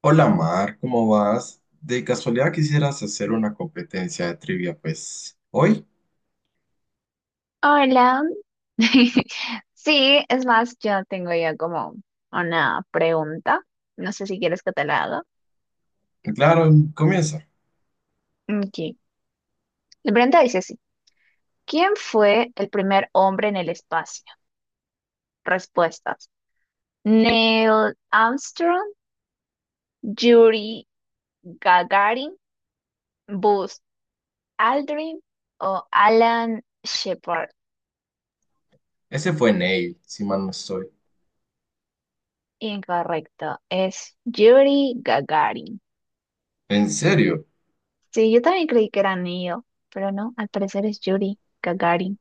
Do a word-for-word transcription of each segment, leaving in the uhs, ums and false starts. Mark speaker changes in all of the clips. Speaker 1: Hola Mar, ¿cómo vas? De casualidad quisieras hacer una competencia de trivia, pues hoy,
Speaker 2: Hola. Sí, es más, yo tengo ya como una pregunta. No sé si quieres que te la haga.
Speaker 1: claro, comienza.
Speaker 2: Ok. La pregunta dice así. ¿Quién fue el primer hombre en el espacio? Respuestas. Neil Armstrong, Yuri Gagarin, Buzz Aldrin o Alan Shepard.
Speaker 1: Ese fue Neil, si mal no estoy.
Speaker 2: Incorrecto, es Yuri Gagarin.
Speaker 1: ¿En serio?
Speaker 2: Sí, yo también creí que era Neil, pero no, al parecer es Yuri Gagarin.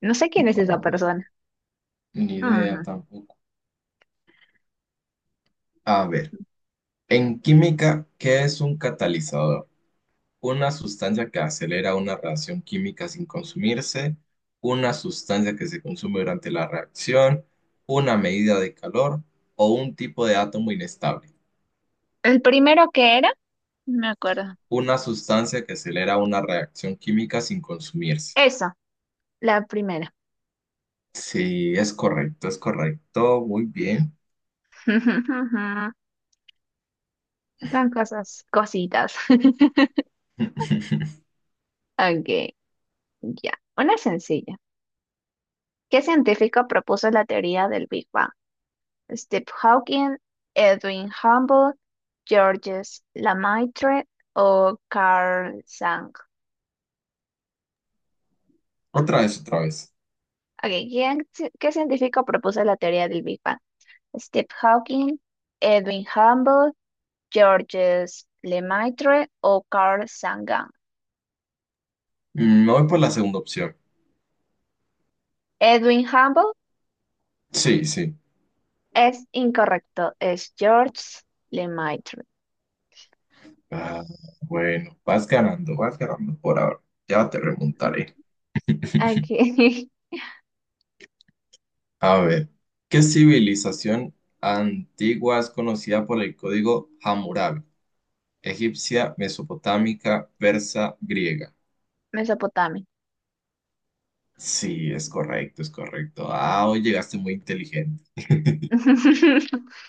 Speaker 2: No sé quién es esa
Speaker 1: Ay,
Speaker 2: persona.
Speaker 1: ni idea
Speaker 2: Ujú.
Speaker 1: tampoco. A ver, en química, ¿qué es un catalizador? Una sustancia que acelera una reacción química sin consumirse, una sustancia que se consume durante la reacción, una medida de calor o un tipo de átomo inestable.
Speaker 2: El primero que era, no me acuerdo.
Speaker 1: Una sustancia que acelera una reacción química sin consumirse.
Speaker 2: Eso, la primera.
Speaker 1: Sí, es correcto, es correcto. Muy bien.
Speaker 2: Son cosas, cositas. Ok, ya. Una sencilla. ¿Qué científico propuso la teoría del Big Bang? Steve Hawking, Edwin Hubble, Georges Lemaitre o Carl Sagan.
Speaker 1: Otra vez, otra vez.
Speaker 2: Ok, ¿quién- ci- ¿qué científico propuso la teoría del Big Bang? Steve Hawking, Edwin Hubble. Georges Lemaitre o Carl Sagan.
Speaker 1: Mm, Me voy por la segunda opción.
Speaker 2: Edwin Hubble
Speaker 1: Sí, sí.
Speaker 2: es incorrecto, es Georges Lemaitre.
Speaker 1: Ah, bueno, vas ganando, vas ganando por ahora. Ya te remontaré.
Speaker 2: Aquí,
Speaker 1: A ver, ¿qué civilización antigua es conocida por el código Hammurabi? Egipcia, mesopotámica, persa, griega.
Speaker 2: Mesopotamia.
Speaker 1: Sí, es correcto, es correcto. Ah, hoy llegaste muy inteligente.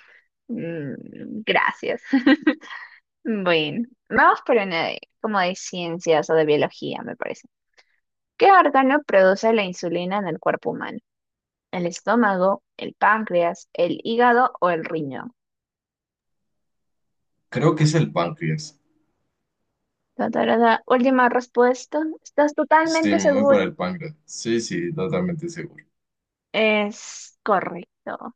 Speaker 2: Mm, Gracias. Bueno, vamos por una de- como de ciencias o de biología, me parece. ¿Qué órgano produce la insulina en el cuerpo humano? ¿El estómago, el páncreas, el hígado o el riñón?
Speaker 1: Creo que es el páncreas.
Speaker 2: Ta, ta, ra, ra. Última respuesta. ¿Estás
Speaker 1: Sí,
Speaker 2: totalmente
Speaker 1: me voy
Speaker 2: seguro?
Speaker 1: por el páncreas. Sí, sí, totalmente seguro.
Speaker 2: Es correcto.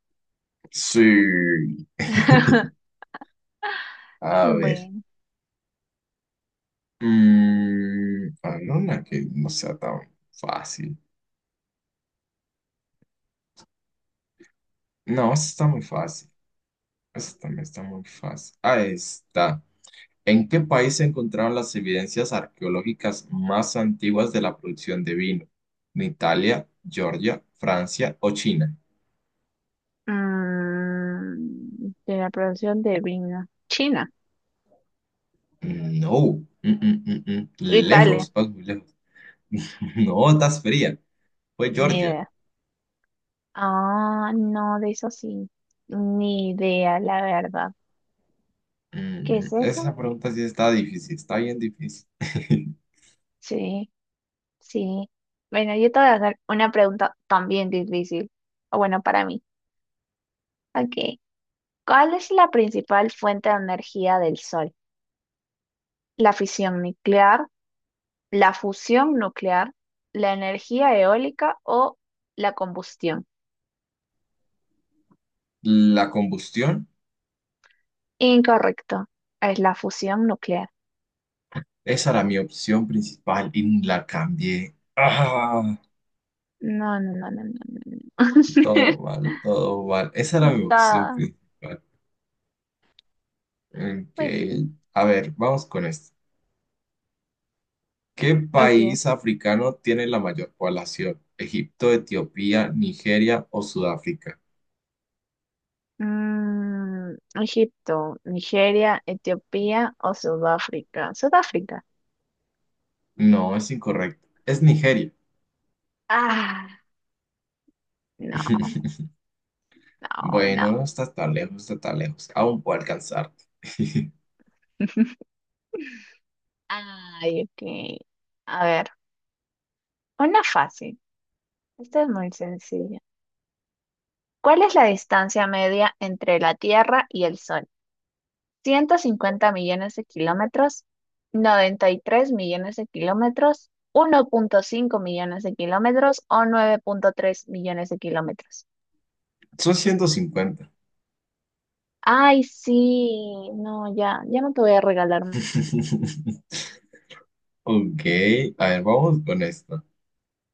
Speaker 1: Sí. A ver.
Speaker 2: Bueno,
Speaker 1: Mm, ah, no, una que no sea tan fácil. No, esta está muy fácil. Esta también está muy fácil. Ahí está. ¿En qué país se encontraron las evidencias arqueológicas más antiguas de la producción de vino? ¿En Italia, Georgia, Francia o China?
Speaker 2: mm, de la producción de vino. China,
Speaker 1: No, Mm, mm, mm, mm.
Speaker 2: Italia,
Speaker 1: lejos, vas muy lejos. No, estás fría. Fue
Speaker 2: ni
Speaker 1: Georgia.
Speaker 2: idea. Ah, no, de eso sí, ni idea, la verdad. ¿Qué es
Speaker 1: Mm,
Speaker 2: eso?
Speaker 1: esa pregunta sí está difícil, está bien difícil.
Speaker 2: Sí, sí. Bueno, yo te voy a hacer una pregunta también difícil, o bueno, para mí. Ok, ¿cuál es la principal fuente de energía del Sol? ¿La fisión nuclear, la fusión nuclear, la energía eólica o la combustión?
Speaker 1: La combustión,
Speaker 2: Incorrecto. Es la fusión nuclear.
Speaker 1: esa era mi opción principal y la cambié. Ah,
Speaker 2: No, no, no, no, no, no, no.
Speaker 1: todo mal, todo mal. Esa era mi opción
Speaker 2: Está-
Speaker 1: principal.
Speaker 2: Pues sí.
Speaker 1: Ok, a ver, vamos con esto. ¿Qué
Speaker 2: Ok.
Speaker 1: país africano tiene la mayor población? ¿Egipto, Etiopía, Nigeria o Sudáfrica?
Speaker 2: Mm, Egipto, Nigeria, Etiopía o Sudáfrica. Sudáfrica.
Speaker 1: No, es incorrecto. Es Nigeria.
Speaker 2: Ah, no, no, no.
Speaker 1: Bueno, no está tan lejos, no está tan lejos. Aún puedo alcanzarte.
Speaker 2: Ay, ok. A ver, una fácil. Esta es muy sencilla. ¿Cuál es la distancia media entre la Tierra y el Sol? ¿Ciento cincuenta millones de kilómetros, noventa y tres millones de kilómetros, uno punto cinco millones de kilómetros o nueve punto tres millones de kilómetros?
Speaker 1: Son ciento cincuenta.
Speaker 2: Ay, sí, no, ya, ya no te voy a regalar más.
Speaker 1: Ok, a ver, vamos con esto.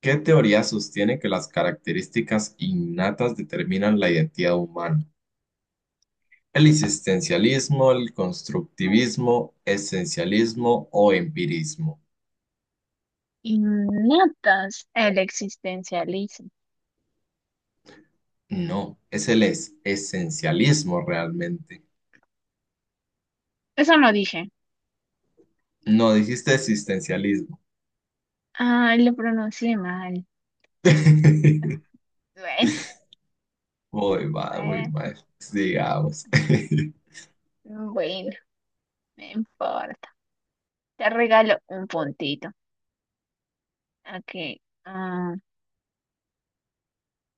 Speaker 1: ¿Qué teoría sostiene que las características innatas determinan la identidad humana? ¿El existencialismo, el constructivismo, esencialismo o empirismo?
Speaker 2: Innatas, el existencialismo.
Speaker 1: No, es el es esencialismo realmente.
Speaker 2: Eso no dije.
Speaker 1: No, dijiste existencialismo.
Speaker 2: Ay, lo pronuncié mal. Bueno,
Speaker 1: Voy mal, voy
Speaker 2: bueno,
Speaker 1: mal. Digamos.
Speaker 2: bueno, no importa. Te regalo un puntito. Okay. Ah,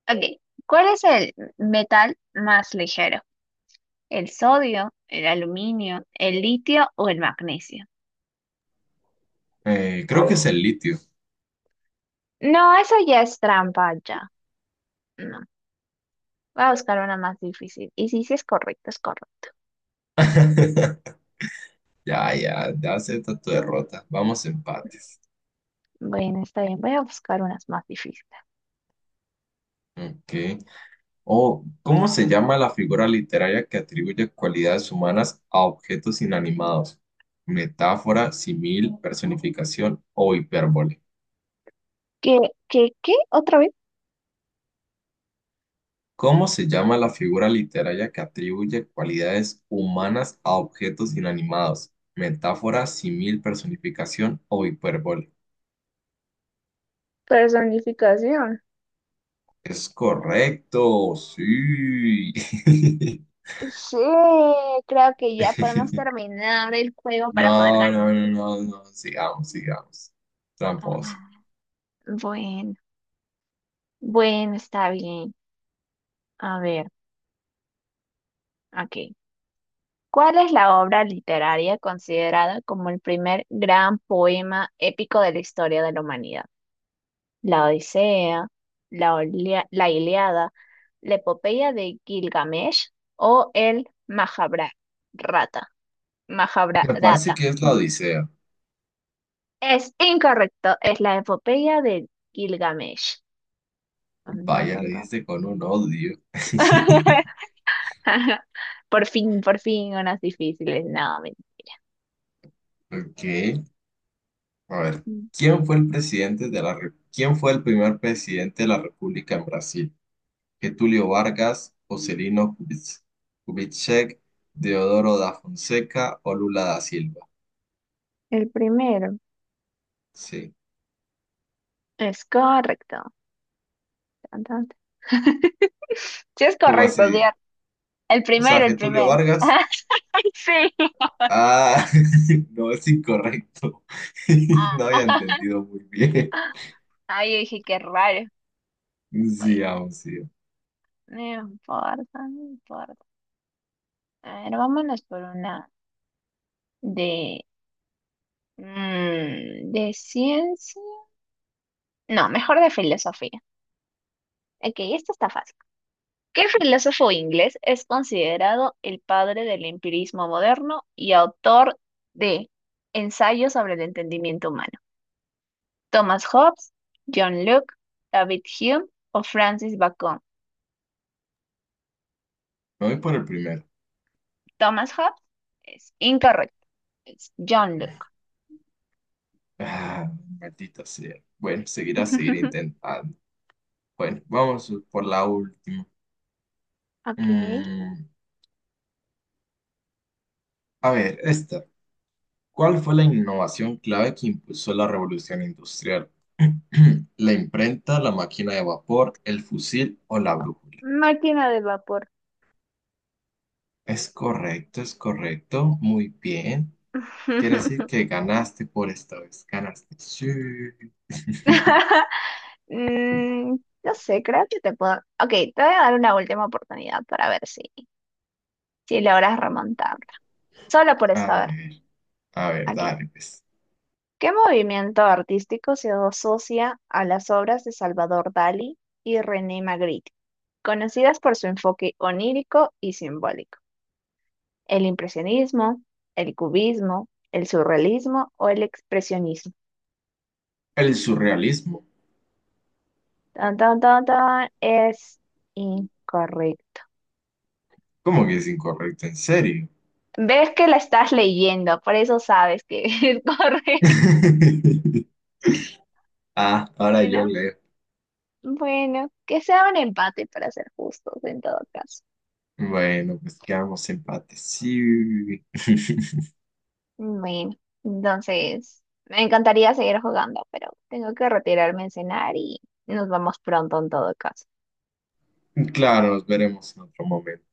Speaker 2: okay. ¿Cuál es el metal más ligero? ¿El sodio, el aluminio, el litio o el magnesio?
Speaker 1: Eh, creo que es el litio.
Speaker 2: No, eso ya es trampa, ya. No, voy a buscar una más difícil. Y sí, sí es correcto, es correcto.
Speaker 1: Ya, ya, ya acepta tu derrota. Vamos empates.
Speaker 2: Bueno, está bien, voy a buscar unas más difíciles.
Speaker 1: Ok. Oh, ¿cómo se llama la figura literaria que atribuye cualidades humanas a objetos inanimados? Metáfora, símil, personificación o hipérbole.
Speaker 2: ¿Qué, qué, ¿qué? ¿Otra vez?
Speaker 1: ¿Cómo se llama la figura literaria que atribuye cualidades humanas a objetos inanimados? Metáfora, símil, personificación o hipérbole.
Speaker 2: Personificación.
Speaker 1: Es correcto, sí.
Speaker 2: Sí, creo que ya podemos terminar el juego para poder
Speaker 1: No,
Speaker 2: ganar.
Speaker 1: no, no, no, no, sigamos, sigamos. Tramposo.
Speaker 2: Ah, bueno, bueno, está bien. A ver, ok. ¿Cuál es la obra literaria considerada como el primer gran poema épico de la historia de la humanidad? La Odisea, la, Olia- la Ilíada, la Epopeya de Gilgamesh o el Mahabharata.
Speaker 1: Me parece
Speaker 2: Mahabharata.
Speaker 1: que es la Odisea.
Speaker 2: Es incorrecto, es la Epopeya de Gilgamesh. Tan, tan,
Speaker 1: Vaya,
Speaker 2: tan,
Speaker 1: lo
Speaker 2: tan.
Speaker 1: dice con un odio.
Speaker 2: Por fin, por fin, unas difíciles. No, men-
Speaker 1: Ok, a ver. ¿Quién fue el presidente de la, re- ¿quién fue el primer presidente de la República en Brasil? ¿Getúlio Vargas, Juscelino Kubitsch- Kubitschek, Deodoro da Fonseca o Lula da Silva?
Speaker 2: el primero
Speaker 1: Sí.
Speaker 2: es correcto. Cantante. Sí, es
Speaker 1: ¿Cómo
Speaker 2: correcto, sí.
Speaker 1: así?
Speaker 2: El
Speaker 1: O sea,
Speaker 2: primero, el
Speaker 1: Getúlio
Speaker 2: primero.
Speaker 1: Vargas.
Speaker 2: Sí.
Speaker 1: Ah, no es incorrecto. No había
Speaker 2: Ah,
Speaker 1: entendido muy bien.
Speaker 2: ay, yo dije, qué raro.
Speaker 1: Sí,
Speaker 2: Bueno,
Speaker 1: aún sí.
Speaker 2: no importa, no importa. A ver, vámonos por una de... mm, de ciencia. No, mejor de filosofía. Ok, esto está fácil. ¿Qué filósofo inglés es considerado el padre del empirismo moderno y autor de Ensayo sobre el entendimiento humano? Thomas Hobbes, John Locke, David Hume o Francis Bacon.
Speaker 1: Me voy por el primero.
Speaker 2: Thomas Hobbes es incorrecto, es John Locke.
Speaker 1: Ah, maldita sea. Bueno, seguirá seguir intentando. Bueno, vamos por la última.
Speaker 2: Ok.
Speaker 1: Mm, a ver, esta. ¿Cuál fue la innovación clave que impulsó la revolución industrial? ¿La imprenta, la máquina de vapor, el fusil o la brújula?
Speaker 2: Máquina de vapor.
Speaker 1: Es correcto, es correcto. Muy bien. Quiere decir que ganaste por esta vez. Ganaste. Sí.
Speaker 2: Mm, no sé, creo que te puedo. Ok, te voy a dar una última oportunidad para ver si, si logras remontar. Solo por
Speaker 1: A
Speaker 2: esta vez.
Speaker 1: ver, a ver,
Speaker 2: Aquí.
Speaker 1: dale, pues.
Speaker 2: ¿Qué movimiento artístico se asocia a las obras de Salvador Dalí y René Magritte? Conocidas por su enfoque onírico y simbólico, el impresionismo, el cubismo, el surrealismo o el expresionismo.
Speaker 1: El surrealismo.
Speaker 2: Tan, tan, tan, tan, es incorrecto.
Speaker 1: ¿Cómo que es incorrecto? ¿En serio?
Speaker 2: Ves que la estás leyendo, por eso sabes que es correcto.
Speaker 1: Ah, ahora yo
Speaker 2: Bueno,
Speaker 1: leo.
Speaker 2: bueno, que sea un empate para ser justos en todo caso.
Speaker 1: Bueno, pues quedamos empate. Sí.
Speaker 2: Bueno, entonces me encantaría seguir jugando, pero tengo que retirarme a cenar y nos vamos pronto en todo caso.
Speaker 1: Claro, nos veremos en otro momento.